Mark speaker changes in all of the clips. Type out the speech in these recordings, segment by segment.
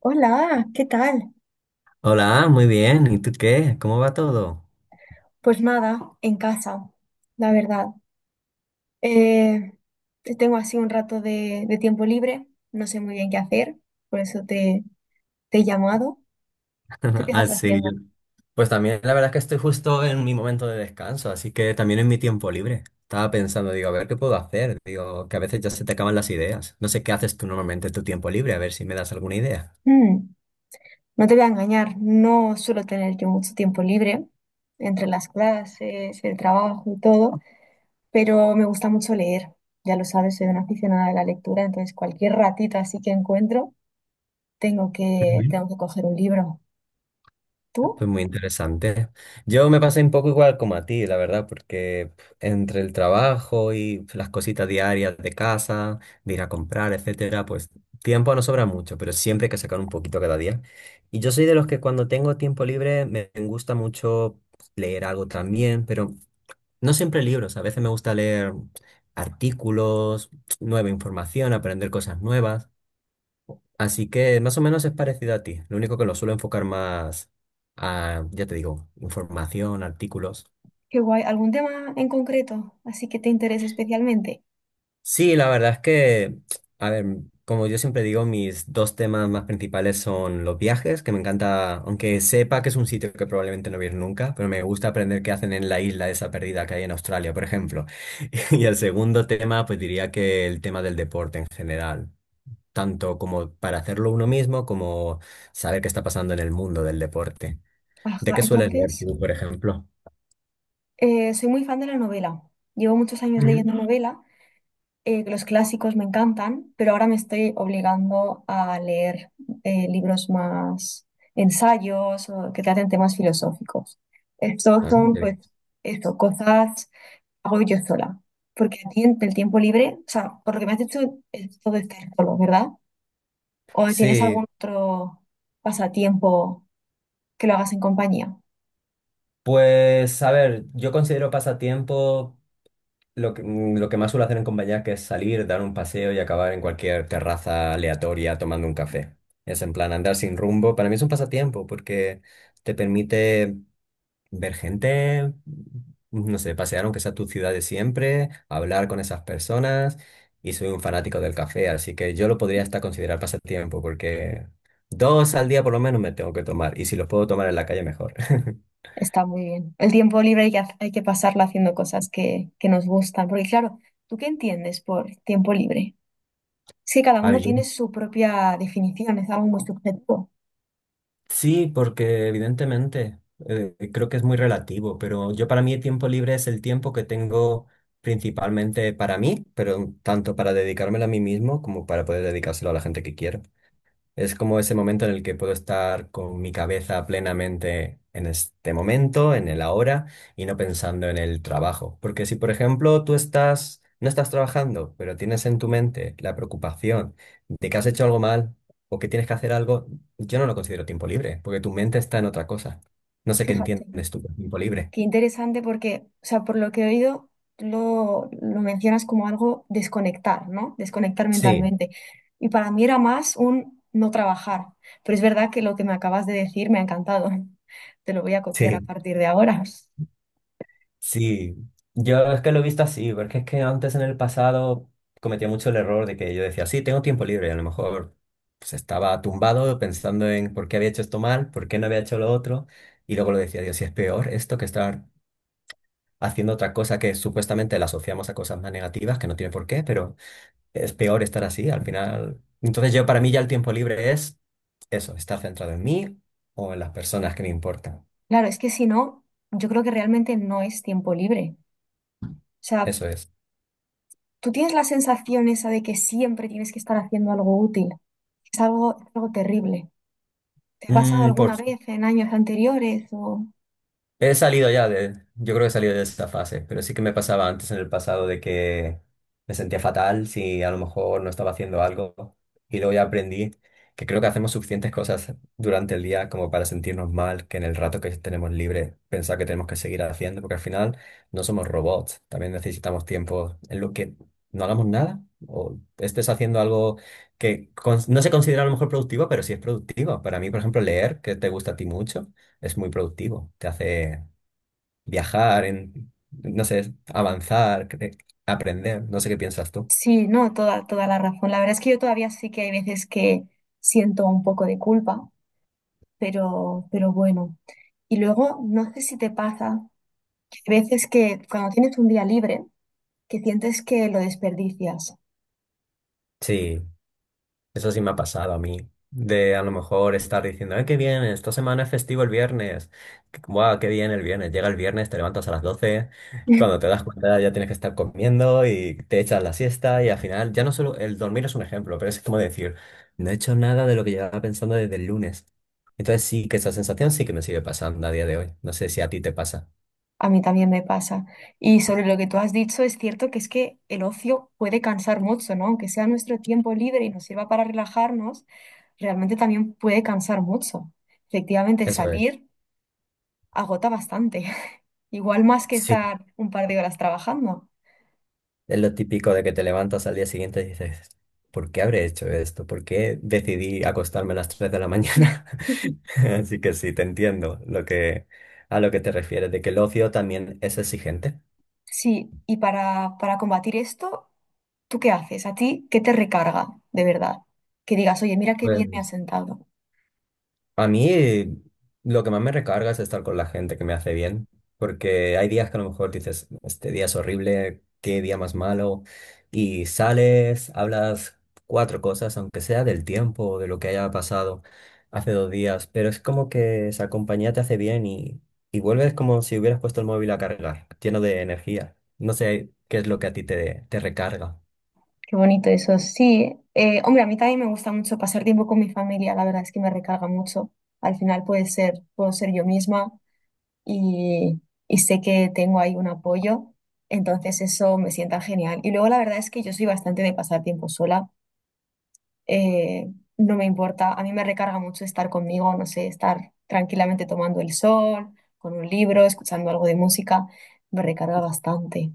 Speaker 1: Hola, ¿qué tal?
Speaker 2: Hola, muy bien. ¿Y tú qué? ¿Cómo va todo?
Speaker 1: Pues nada, en casa, la verdad. Eh, tengo así un rato de tiempo libre, no sé muy bien qué hacer, por eso te he llamado. ¿Tú qué estás
Speaker 2: Así.
Speaker 1: haciendo?
Speaker 2: Pues también la verdad es que estoy justo en mi momento de descanso, así que también en mi tiempo libre. Estaba pensando, digo, a ver qué puedo hacer. Digo, que a veces ya se te acaban las ideas. No sé qué haces tú normalmente en tu tiempo libre, a ver si me das alguna idea.
Speaker 1: Mm, no te voy a engañar, no suelo tener yo mucho tiempo libre entre las clases, el trabajo y todo, pero me gusta mucho leer. Ya lo sabes, soy una aficionada de la lectura, entonces cualquier ratito así que encuentro,
Speaker 2: Ujú.
Speaker 1: tengo que coger un libro. ¿Tú?
Speaker 2: Pues muy interesante. Yo me pasé un poco igual como a ti, la verdad, porque pf, entre el trabajo y pf, las cositas diarias de casa, de ir a comprar, etcétera, pues tiempo no sobra mucho, pero siempre hay que sacar un poquito cada día. Y yo soy de los que cuando tengo tiempo libre me gusta mucho leer algo también, pero no siempre libros. A veces me gusta leer artículos, nueva información, aprender cosas nuevas. Así que más o menos es parecido a ti. Lo único que lo suelo enfocar más a, ya te digo, información, artículos.
Speaker 1: Qué guay. ¿Algún tema en concreto? Así que te interese especialmente.
Speaker 2: Sí, la verdad es que, a ver, como yo siempre digo, mis dos temas más principales son los viajes, que me encanta, aunque sepa que es un sitio que probablemente no voy a ir nunca, pero me gusta aprender qué hacen en la isla esa perdida que hay en Australia, por ejemplo. Y el segundo tema, pues diría que el tema del deporte en general, tanto como para hacerlo uno mismo, como saber qué está pasando en el mundo del deporte. ¿De
Speaker 1: Ajá,
Speaker 2: qué sueles leer
Speaker 1: entonces,
Speaker 2: tú, por ejemplo?
Speaker 1: eh, soy muy fan de la novela. Llevo muchos años
Speaker 2: Ujú.
Speaker 1: leyendo novela. Los clásicos me encantan, pero ahora me estoy obligando a leer libros más ensayos o que traten temas filosóficos. Estos
Speaker 2: Ah,
Speaker 1: son,
Speaker 2: ok.
Speaker 1: pues, esto, cosas que hago yo sola. Porque a ti en el tiempo libre, o sea, por lo que me has dicho, es todo estar solo, ¿verdad? ¿O tienes
Speaker 2: Sí,
Speaker 1: algún otro pasatiempo? Que lo hagas en compañía.
Speaker 2: pues a ver, yo considero pasatiempo lo que más suelo hacer en compañía, que es salir, dar un paseo y acabar en cualquier terraza aleatoria tomando un café. Es en plan andar sin rumbo. Para mí es un pasatiempo porque te permite ver gente, no sé, pasear aunque sea tu ciudad de siempre, hablar con esas personas y soy un fanático del café, así que yo lo podría hasta considerar pasatiempo porque dos al día por lo menos me tengo que tomar y si los puedo tomar en la calle mejor.
Speaker 1: Está muy bien. El tiempo libre hay que pasarlo haciendo cosas que nos gustan. Porque claro, ¿tú qué entiendes por tiempo libre? Sí, cada
Speaker 2: A
Speaker 1: uno
Speaker 2: ver, yo-
Speaker 1: tiene su propia definición, es algo muy subjetivo.
Speaker 2: sí, porque evidentemente creo que es muy relativo, pero yo para mí el tiempo libre es el tiempo que tengo principalmente para mí, pero tanto para dedicármelo a mí mismo como para poder dedicárselo a la gente que quiero. Es como ese momento en el que puedo estar con mi cabeza plenamente en este momento, en el ahora, y no pensando en el trabajo. Porque si, por ejemplo, tú estás, no estás trabajando, pero tienes en tu mente la preocupación de que has hecho algo mal o que tienes que hacer algo, yo no lo considero tiempo libre, porque tu mente está en otra cosa. No sé qué
Speaker 1: Fíjate,
Speaker 2: entiendes tú por tiempo libre.
Speaker 1: qué interesante porque, o sea, por lo que he oído, lo mencionas como algo desconectar, ¿no? Desconectar
Speaker 2: Sí,
Speaker 1: mentalmente. Y para mí era más un no trabajar. Pero es verdad que lo que me acabas de decir me ha encantado. Te lo voy a copiar a
Speaker 2: sí.
Speaker 1: partir de ahora.
Speaker 2: Sí, yo es que lo he visto así, porque es que antes en el pasado cometía mucho el error de que yo decía, sí, tengo tiempo libre, y a lo mejor pues, estaba tumbado pensando en por qué había hecho esto mal, por qué no había hecho lo otro, y luego lo decía, Dios, si es peor esto que estar haciendo otra cosa que supuestamente la asociamos a cosas más negativas, que no tiene por qué, pero es peor estar así, al final. Entonces yo para mí ya el tiempo libre es eso, estar centrado en mí o en las personas que me importan,
Speaker 1: Claro, es que si no, yo creo que realmente no es tiempo libre. O sea,
Speaker 2: eso es.
Speaker 1: tú tienes la sensación esa de que siempre tienes que estar haciendo algo útil. Es algo terrible. ¿Te ha pasado
Speaker 2: Mm, por
Speaker 1: alguna vez en años anteriores? O...
Speaker 2: He salido ya de, yo creo que he salido de esa fase, pero sí que me pasaba antes en el pasado de que me sentía fatal si a lo mejor no estaba haciendo algo y luego ya aprendí que creo que hacemos suficientes cosas durante el día como para sentirnos mal, que en el rato que tenemos libre pensar que tenemos que seguir haciendo, porque al final no somos robots, también necesitamos tiempo en lo que no hagamos nada o estés haciendo algo que no se considera a lo mejor productivo, pero sí es productivo. Para mí, por ejemplo, leer, que te gusta a ti mucho es muy productivo. Te hace viajar, no sé, avanzar, aprender. No sé qué piensas tú.
Speaker 1: Sí, no, toda la razón. La verdad es que yo todavía sí que hay veces que siento un poco de culpa, pero bueno. Y luego, no sé si te pasa que hay veces que cuando tienes un día libre, que sientes que lo desperdicias.
Speaker 2: Sí, eso sí me ha pasado a mí. De a lo mejor estar diciendo, ¡ay, qué bien! Esta semana es festivo el viernes. ¡Guau, qué bien el viernes! Llega el viernes, te levantas a las 12. Cuando te das cuenta ya tienes que estar comiendo y te echas la siesta. Y al final, ya no solo el dormir es un ejemplo, pero es como decir, no he hecho nada de lo que llevaba pensando desde el lunes. Entonces sí que esa sensación sí que me sigue pasando a día de hoy. No sé si a ti te pasa.
Speaker 1: A mí también me pasa. Y sobre lo que tú has dicho, es cierto que es que el ocio puede cansar mucho, ¿no? Aunque sea nuestro tiempo libre y nos sirva para relajarnos, realmente también puede cansar mucho. Efectivamente,
Speaker 2: Eso es.
Speaker 1: salir agota bastante, igual más que
Speaker 2: Sí,
Speaker 1: estar un par de horas trabajando.
Speaker 2: es lo típico de que te levantas al día siguiente y dices, ¿por qué habré hecho esto? ¿Por qué decidí acostarme a las 3 de la mañana? Así que sí, te entiendo lo que, a lo que te refieres, de que el ocio también es exigente.
Speaker 1: Sí, y para combatir esto, ¿tú qué haces? ¿A ti qué te recarga de verdad? Que digas, oye, mira qué bien me ha
Speaker 2: Pues,
Speaker 1: sentado.
Speaker 2: a mí lo que más me recarga es estar con la gente que me hace bien, porque hay días que a lo mejor dices, este día es horrible, qué día más malo, y sales, hablas cuatro cosas, aunque sea del tiempo o de lo que haya pasado hace 2 días, pero es como que esa compañía te hace bien y vuelves como si hubieras puesto el móvil a cargar, lleno de energía. No sé qué es lo que a ti te recarga.
Speaker 1: Qué bonito eso, sí. Hombre, a mí también me gusta mucho pasar tiempo con mi familia, la verdad es que me recarga mucho. Al final puedo ser yo misma y, y sé que tengo ahí un apoyo, entonces eso me sienta genial. Y luego la verdad es que yo soy bastante de pasar tiempo sola, eh, no me importa, a mí me recarga mucho estar conmigo, no sé, estar tranquilamente tomando el sol, con un libro, escuchando algo de música, me recarga bastante.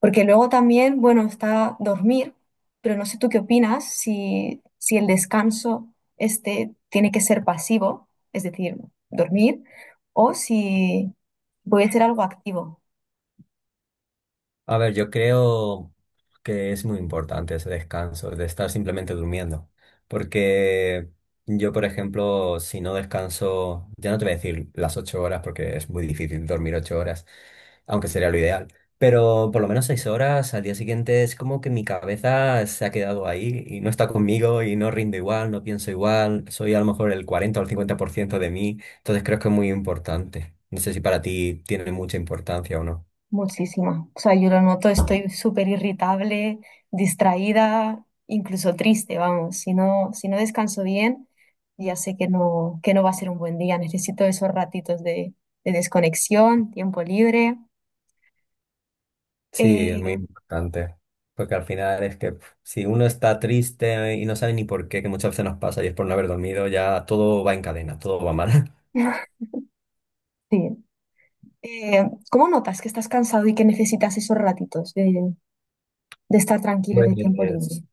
Speaker 1: Porque luego también, bueno, está dormir, pero no sé tú qué opinas si, si el descanso este tiene que ser pasivo, es decir, dormir, o si puede ser algo activo,
Speaker 2: A ver, yo creo que es muy importante ese descanso, de estar simplemente durmiendo, porque yo, por ejemplo, si no descanso, ya no te voy a decir las ocho horas, porque es muy difícil dormir 8 horas, aunque sería lo ideal, pero por lo menos 6 horas al día siguiente es como que mi cabeza se ha quedado ahí y no está conmigo y no rindo igual, no pienso igual, soy a lo mejor el 40 o el 50% de mí, entonces creo que es muy importante. No sé si para ti tiene mucha importancia o no.
Speaker 1: muchísimo. O sea, yo lo noto, estoy súper irritable, distraída, incluso triste, vamos. Si no, si no descanso bien, ya sé que que no va a ser un buen día. Necesito esos ratitos de desconexión, tiempo libre.
Speaker 2: Sí, es
Speaker 1: Eh,
Speaker 2: muy importante, porque al final es que pf, si uno está triste y no sabe ni por qué, que muchas veces nos pasa y es por no haber dormido, ya todo va en cadena, todo va mal.
Speaker 1: sí. Eh, ¿Cómo notas que estás cansado y que necesitas esos ratitos de estar tranquilo y de tiempo libre?
Speaker 2: Pues,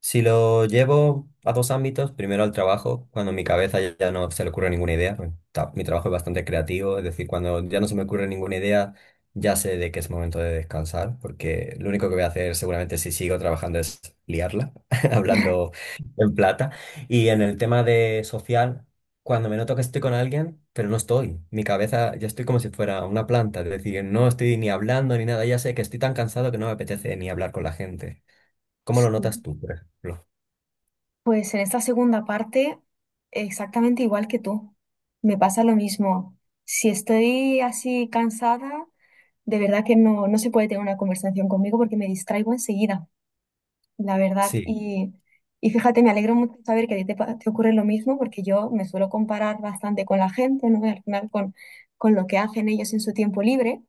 Speaker 2: si lo llevo a dos ámbitos, primero al trabajo, cuando mi cabeza ya no se le ocurre ninguna idea, pues, mi trabajo es bastante creativo, es decir, cuando ya no se me ocurre ninguna idea, ya sé de que es momento de descansar, porque lo único que voy a hacer seguramente si sigo trabajando es liarla, hablando en plata. Y en el tema de social, cuando me noto que estoy con alguien, pero no estoy, mi cabeza ya estoy como si fuera una planta, es decir, no estoy ni hablando ni nada, ya sé que estoy tan cansado que no me apetece ni hablar con la gente. ¿Cómo lo
Speaker 1: Sí.
Speaker 2: notas tú, por ejemplo?
Speaker 1: Pues en esta segunda parte, exactamente igual que tú. Me pasa lo mismo. Si estoy así cansada, de verdad que no se puede tener una conversación conmigo porque me distraigo enseguida, la verdad.
Speaker 2: Sí,
Speaker 1: Y fíjate, me alegro mucho saber que a ti te ocurre lo mismo porque yo me suelo comparar bastante con la gente, ¿no? Y al final con lo que hacen ellos en su tiempo libre.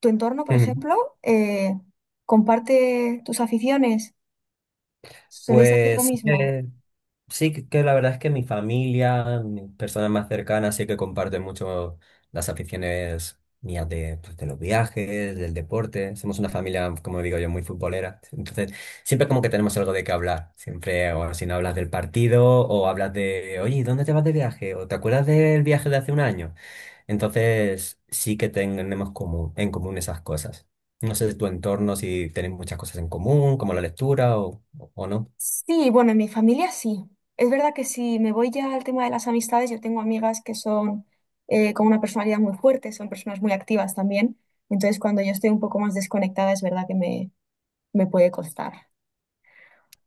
Speaker 1: ¿Tu entorno, por
Speaker 2: ujú.
Speaker 1: ejemplo, eh, comparte tus aficiones? ¿Soléis hacer lo
Speaker 2: Pues sí
Speaker 1: mismo?
Speaker 2: que, sí que que la verdad es que mi familia, mis personas más cercanas, sí que comparten mucho las aficiones mías de, pues, de los viajes, del deporte. Somos una familia, como digo yo, muy futbolera. Entonces, siempre como que tenemos algo de qué hablar. Siempre, o si no hablas del partido, o hablas de, oye, ¿dónde te vas de viaje? ¿O te acuerdas del viaje de hace un año? Entonces, sí que tenemos común, en común esas cosas. No sé de tu entorno si tenéis muchas cosas en común, como la lectura o no.
Speaker 1: Sí, bueno, en mi familia sí. Es verdad que si me voy ya al tema de las amistades, yo tengo amigas que son con una personalidad muy fuerte, son personas muy activas también. Entonces, cuando yo estoy un poco más desconectada, es verdad que me puede costar.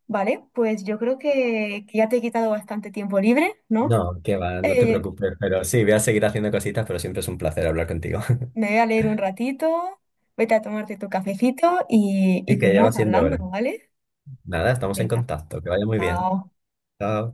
Speaker 1: Vale, pues yo creo que ya te he quitado bastante tiempo libre,
Speaker 2: No,
Speaker 1: ¿no?
Speaker 2: que va, no te
Speaker 1: Eh,
Speaker 2: preocupes, pero sí, voy a seguir haciendo cositas, pero siempre es un placer hablar contigo.
Speaker 1: me voy a leer un ratito, vete a tomarte tu cafecito y
Speaker 2: Y que ya va
Speaker 1: seguimos
Speaker 2: siendo
Speaker 1: hablando,
Speaker 2: hora.
Speaker 1: ¿vale?
Speaker 2: Nada, estamos en
Speaker 1: Venga,
Speaker 2: contacto, que vaya muy bien.
Speaker 1: chao.
Speaker 2: Chao.